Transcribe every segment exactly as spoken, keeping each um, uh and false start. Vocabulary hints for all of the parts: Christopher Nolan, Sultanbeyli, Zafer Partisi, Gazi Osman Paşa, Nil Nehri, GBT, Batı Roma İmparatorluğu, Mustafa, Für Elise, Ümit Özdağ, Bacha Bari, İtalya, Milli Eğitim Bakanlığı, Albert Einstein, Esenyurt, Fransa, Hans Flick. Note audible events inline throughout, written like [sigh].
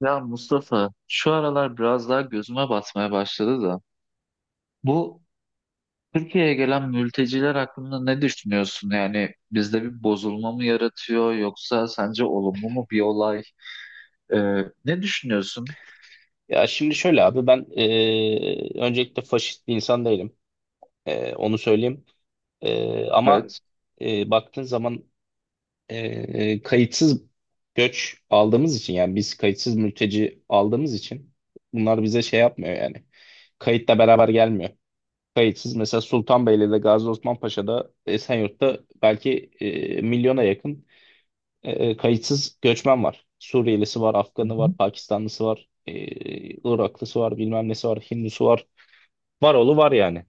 Ya Mustafa, şu aralar biraz daha gözüme batmaya başladı da. Bu Türkiye'ye gelen mülteciler hakkında ne düşünüyorsun? Yani bizde bir bozulma mı yaratıyor yoksa sence olumlu mu bir olay? Ee, ne düşünüyorsun? Ya şimdi şöyle abi ben e, öncelikle faşist bir insan değilim. E, onu söyleyeyim. E, ama Evet. e, baktığın zaman e, kayıtsız göç aldığımız için yani biz kayıtsız mülteci aldığımız için bunlar bize şey yapmıyor yani. Kayıtla beraber gelmiyor. Kayıtsız mesela Sultanbeyli'de, Gazi Osman Paşa'da, Esenyurt'ta belki e, milyona yakın e, e, kayıtsız göçmen var. Suriyelisi var, Hı hı. Afganı var, Pakistanlısı var, e, Iraklısı var, bilmem nesi var, Hindusu var. Var oğlu var yani.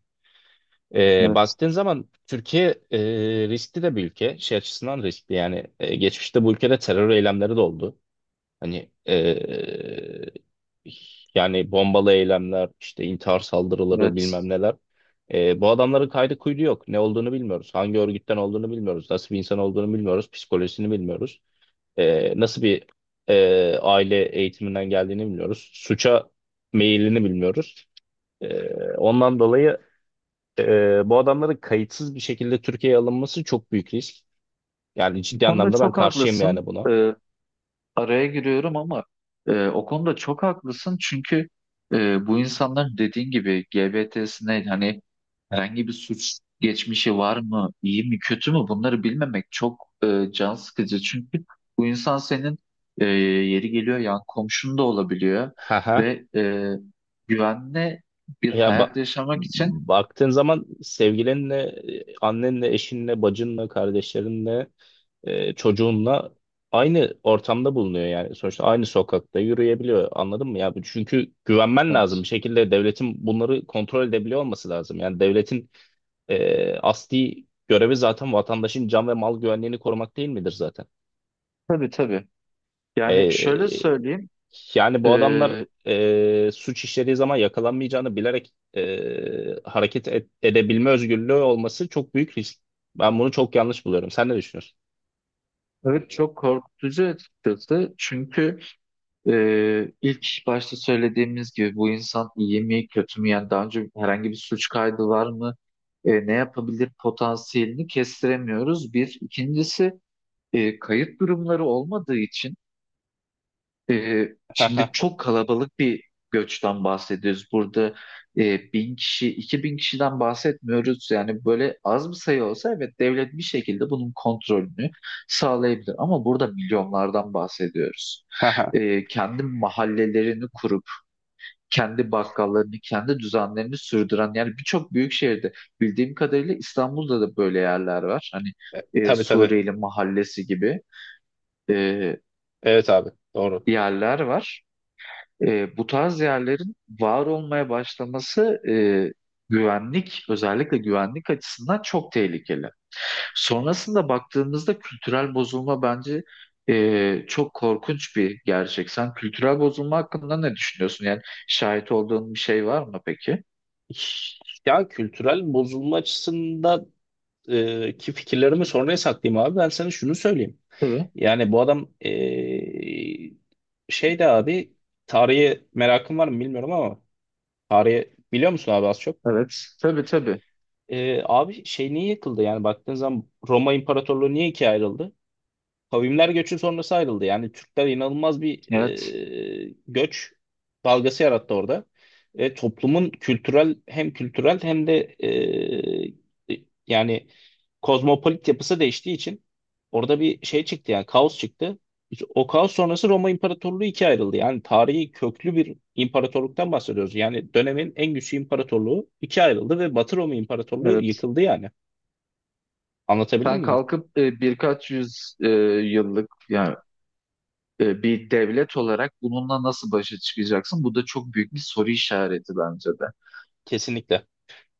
E, Evet. Baktığın zaman Türkiye e, riskli de bir ülke. Şey açısından riskli yani. E, geçmişte bu ülkede terör eylemleri de oldu. Hani e, yani bombalı eylemler, işte intihar saldırıları bilmem Evet. neler. E, bu adamların kaydı kuydu yok. Ne olduğunu bilmiyoruz. Hangi örgütten olduğunu bilmiyoruz. Nasıl bir insan olduğunu bilmiyoruz. Psikolojisini bilmiyoruz e, nasıl bir e, aile eğitiminden geldiğini bilmiyoruz. Suça meyilini bilmiyoruz. E, Ondan dolayı e, bu adamların kayıtsız bir şekilde Türkiye'ye alınması çok büyük risk. Yani Bu ciddi konuda anlamda ben çok karşıyım haklısın. yani buna. Ee, araya giriyorum ama e, o konuda çok haklısın çünkü e, bu insanlar dediğin gibi G B T'sine hani herhangi bir suç geçmişi var mı, iyi mi, kötü mü, bunları bilmemek çok e, can sıkıcı. Çünkü bu insan senin e, yeri geliyor yan komşun da olabiliyor Ha ha. ve e, güvenli bir Ya ba- hayat yaşamak için baktığın zaman sevgilinle, e, annenle, eşinle, bacınla, kardeşlerinle, e, çocuğunla aynı ortamda bulunuyor yani. Sonuçta aynı sokakta yürüyebiliyor. Anladın mı ya? Bu- Çünkü güvenmen bak, lazım. Bir şekilde devletin bunları kontrol edebiliyor olması lazım. Yani devletin e, asli görevi zaten vatandaşın can ve mal güvenliğini korumak değil midir zaten? tabii tabii. E, Yani şöyle söyleyeyim, Yani e, bu adamlar e, suç işlediği zaman yakalanmayacağını bilerek e, hareket et- edebilme özgürlüğü olması çok büyük risk. Ben bunu çok yanlış buluyorum. Sen ne düşünüyorsun? evet, çok korkutucu açıkçası çünkü Ee, ilk başta söylediğimiz gibi bu insan iyi mi kötü mü, yani daha önce herhangi bir suç kaydı var mı, Ee, ne yapabilir potansiyelini kestiremiyoruz, bir ikincisi e, kayıp durumları olmadığı için ee, Ha ha şimdi çok kalabalık bir göçten bahsediyoruz. Burada e, bin kişi, iki bin kişiden bahsetmiyoruz. Yani böyle az bir sayı olsa evet devlet bir şekilde bunun kontrolünü sağlayabilir. Ama burada milyonlardan bahsediyoruz. ha ha. Ee, kendi mahallelerini kurup, kendi bakkallarını, kendi düzenlerini sürdüren yani birçok büyük şehirde bildiğim kadarıyla İstanbul'da da böyle yerler var. Hani E, e, Tabii, tabii. Suriyeli mahallesi gibi e, Evet abi. Doğru. yerler var. E, bu tarz yerlerin var olmaya başlaması e, güvenlik, özellikle güvenlik açısından çok tehlikeli. Sonrasında baktığımızda kültürel bozulma bence e, çok korkunç bir gerçek. Sen kültürel bozulma hakkında ne düşünüyorsun? Yani şahit olduğun bir şey var mı peki? Ya kültürel bozulma açısında e, ki fikirlerimi sonraya saklayayım abi. Ben sana şunu söyleyeyim. Tabii. Yani bu adam e, şey de abi, tarihe merakın var mı bilmiyorum ama tarihe biliyor musun abi az çok? Evet. Tabii tabii. Ee, abi şey niye yıkıldı yani baktığın zaman Roma İmparatorluğu niye ikiye ayrıldı? Kavimler göçü sonrası ayrıldı. Yani Türkler inanılmaz bir Evet. e, göç dalgası yarattı orada. Ve toplumun kültürel, hem kültürel hem de e, yani kozmopolit yapısı değiştiği için orada bir şey çıktı yani kaos çıktı. İşte o kaos sonrası Roma İmparatorluğu ikiye ayrıldı. Yani tarihi köklü bir imparatorluktan bahsediyoruz. Yani dönemin en güçlü imparatorluğu ikiye ayrıldı ve Batı Roma İmparatorluğu Evet. yıkıldı yani. Anlatabildim Sen mi? kalkıp e, birkaç yüz e, yıllık yani e, bir devlet olarak bununla nasıl başa çıkacaksın? Bu da çok büyük bir soru işareti bence de. Kesinlikle.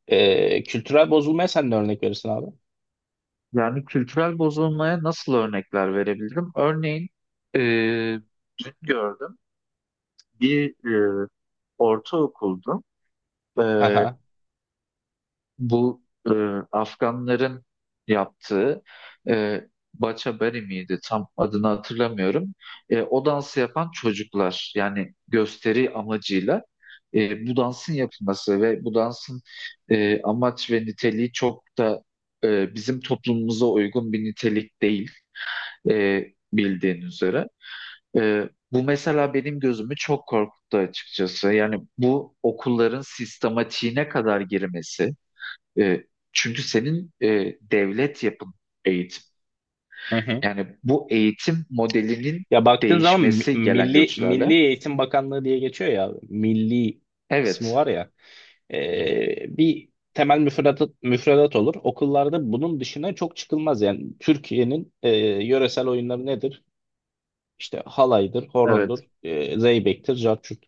Ee, kültürel bozulmaya sen de örnek verirsin abi. Yani kültürel bozulmaya nasıl örnekler verebilirim? Örneğin e, dün gördüm bir e, ortaokuldu. E, Haha. Bu e, Afganların yaptığı e, Bacha Bari miydi? Tam adını hatırlamıyorum. E, o dansı yapan çocuklar yani gösteri amacıyla e, bu dansın yapılması ve bu dansın e, amaç ve niteliği çok da e, bizim toplumumuza uygun bir nitelik değil, e, bildiğin üzere. E, bu mesela benim gözümü çok korkuttu açıkçası. Yani bu okulların sistematiğine kadar girmesi. E, çünkü senin e, devlet yapın, eğitim. Hı hı. Yani bu eğitim modelinin Ya baktığın zaman mi- değişmesi gelen Milli göçlerle. Milli Eğitim Bakanlığı diye geçiyor ya, milli kısmı Evet, var ya. Ee, bir temel müfredat, müfredat olur. Okullarda bunun dışına çok çıkılmaz yani Türkiye'nin e, yöresel oyunları nedir? İşte halaydır, horondur, evet. e, zeybektir, carçurt.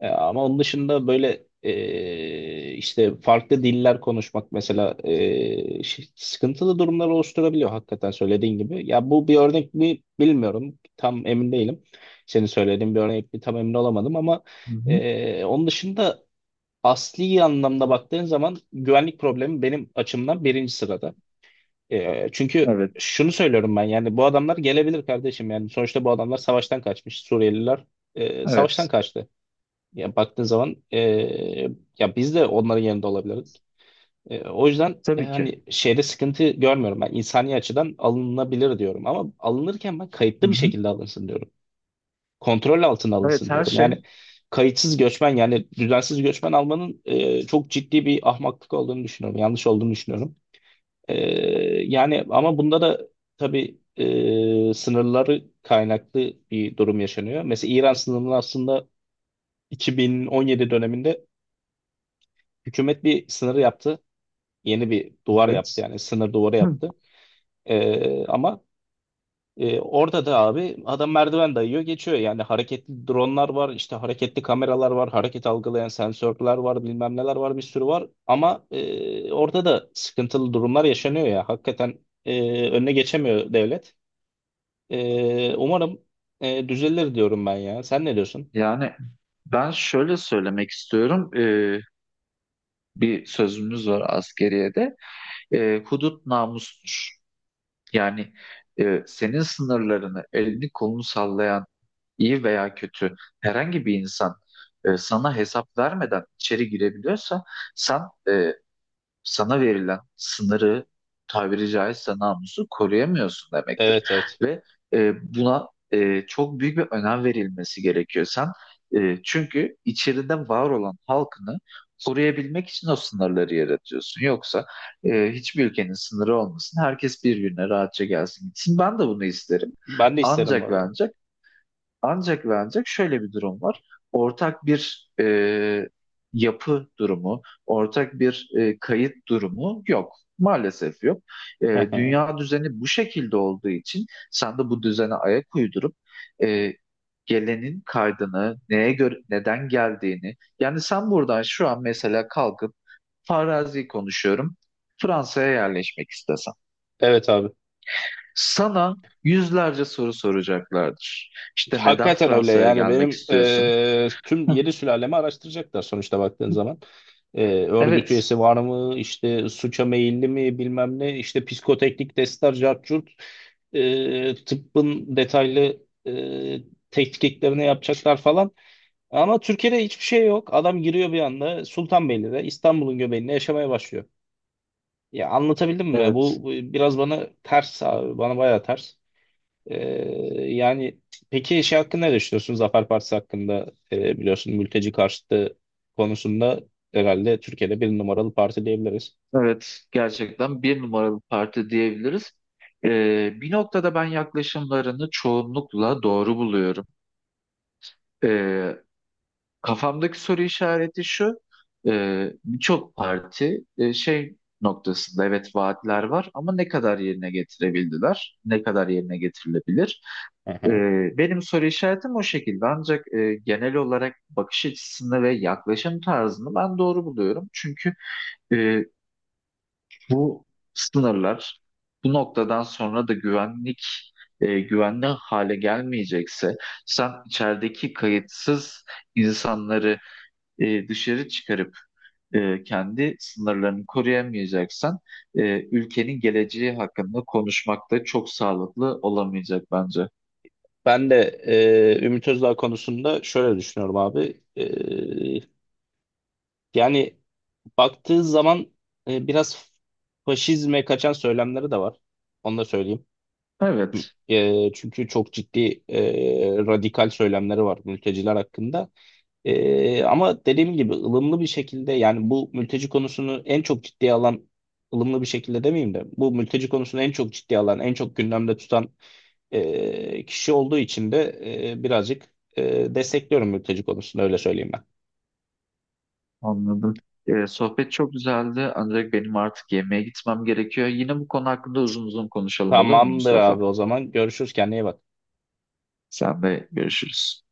E, ama onun dışında böyle e, işte farklı diller konuşmak mesela e, şey- sıkıntılı durumlar oluşturabiliyor hakikaten söylediğin gibi. Ya bu bir örnek mi bilmiyorum. Tam emin değilim. Senin söylediğin bir örnek mi tam emin olamadım ama Hı hı. e, onun dışında asli anlamda baktığın zaman güvenlik problemi benim açımdan birinci sırada. E, çünkü Evet, şunu söylüyorum ben, yani bu adamlar gelebilir kardeşim, yani sonuçta bu adamlar savaştan kaçmış Suriyeliler, e, savaştan evet. kaçtı. Ya baktığın zaman e, ya biz de onların yanında olabilirdik. E, o yüzden e, Tabii ki. hani şeyde sıkıntı görmüyorum ben, insani açıdan alınabilir diyorum ama alınırken ben Hı kayıtlı bir hı. şekilde alınsın diyorum. Kontrol altına alınsın Evet, her diyorum. şey. Yani kayıtsız göçmen, yani düzensiz göçmen almanın e, çok ciddi bir ahmaklık olduğunu düşünüyorum. Yanlış olduğunu düşünüyorum. Ee, Yani ama bunda da tabii e, sınırları kaynaklı bir durum yaşanıyor. Mesela İran sınırını aslında iki bin on yedi döneminde hükümet bir sınır yaptı. Yeni bir duvar yaptı Evet. yani sınır duvarı Hı. yaptı. Ee, ama e, orada da abi adam merdiven dayıyor geçiyor. Yani hareketli dronlar var, işte hareketli kameralar var, hareket algılayan sensörler var, bilmem neler var, bir sürü var. Ama e, orada da sıkıntılı durumlar yaşanıyor ya hakikaten e, önüne geçemiyor devlet. Ee, umarım e, düzelir diyorum ben ya. Sen ne diyorsun? Yani ben şöyle söylemek istiyorum. E, bir sözümüz var askeriyede. E, hudut namustur. Yani e, senin sınırlarını, elini kolunu sallayan iyi veya kötü herhangi bir insan e, sana hesap vermeden içeri girebiliyorsa sen e, sana verilen sınırı, tabiri caizse namusu koruyamıyorsun demektir. Evet, evet. Ve e, buna e, çok büyük bir önem verilmesi gerekiyor. Sen e, çünkü içeride var olan halkını koruyabilmek için o sınırları yaratıyorsun. Yoksa e, hiçbir ülkenin sınırı olmasın. Herkes bir gününe rahatça gelsin gitsin. Ben de bunu isterim. Ben de isterim bu Ancak ve arada. ancak ancak ve ancak şöyle bir durum var. Ortak bir e, yapı durumu, ortak bir e, kayıt durumu yok. Maalesef yok. E, Hı hı. dünya düzeni bu şekilde olduğu için sen de bu düzene ayak uydurup e, gelenin kaydını, neye göre, neden geldiğini. Yani sen buradan şu an mesela kalkıp farazi konuşuyorum. Fransa'ya yerleşmek istesen. Evet abi. Sana yüzlerce soru soracaklardır. İşte neden Hakikaten öyle Fransa'ya yani, gelmek benim istiyorsun? e, tüm [laughs] Heh. yeni sülalemi araştıracaklar sonuçta baktığın zaman. E, örgüt Evet, üyesi var mı? İşte suça meyilli mi, bilmem ne. İşte psikoteknik testler, cart curt. E, tıbbın detaylı e, tetkiklerini yapacaklar falan. Ama Türkiye'de hiçbir şey yok. Adam giriyor bir anda Sultanbeyli'de, İstanbul'un göbeğinde yaşamaya başlıyor. Ya anlatabildim mi? evet, Bu bu biraz bana ters abi. Bana bayağı ters. Ee, Yani peki şey hakkında ne düşünüyorsun? Zafer Partisi hakkında. Ee, biliyorsun, mülteci karşıtı konusunda herhalde Türkiye'de bir numaralı parti diyebiliriz. evet. Gerçekten bir numaralı parti diyebiliriz. Ee, bir noktada ben yaklaşımlarını çoğunlukla doğru buluyorum. Ee, kafamdaki soru işareti şu, e, birçok parti e, şey noktasında evet vaatler var ama ne kadar yerine getirebildiler, ne kadar yerine getirilebilir? Hı Ee, hı. benim soru işaretim o şekilde, ancak e, genel olarak bakış açısını ve yaklaşım tarzını ben doğru buluyorum. Çünkü e, Bu sınırlar, bu noktadan sonra da güvenlik e, güvenli hale gelmeyecekse, sen içerideki kayıtsız insanları e, dışarı çıkarıp e, kendi sınırlarını koruyamayacaksan e, ülkenin geleceği hakkında konuşmak da çok sağlıklı olamayacak bence. Ben de e, Ümit Özdağ konusunda şöyle düşünüyorum abi. Ee, yani baktığı zaman e, biraz faşizme kaçan söylemleri de var. Onu da söyleyeyim. Evet, E, çünkü çok ciddi e, radikal söylemleri var mülteciler hakkında. E, ama dediğim gibi ılımlı bir şekilde, yani bu mülteci konusunu en çok ciddiye alan, ılımlı bir şekilde demeyeyim de bu mülteci konusunu en çok ciddiye alan, en çok gündemde tutan e, kişi olduğu için de e, birazcık e, destekliyorum mülteci konusunu, öyle söyleyeyim ben. anladım. E, sohbet çok güzeldi ancak benim artık yemeğe gitmem gerekiyor. Yine bu konu hakkında uzun uzun konuşalım, olur mu Tamamdır Mustafa? abi, o zaman görüşürüz, kendine iyi bak. Sen de görüşürüz.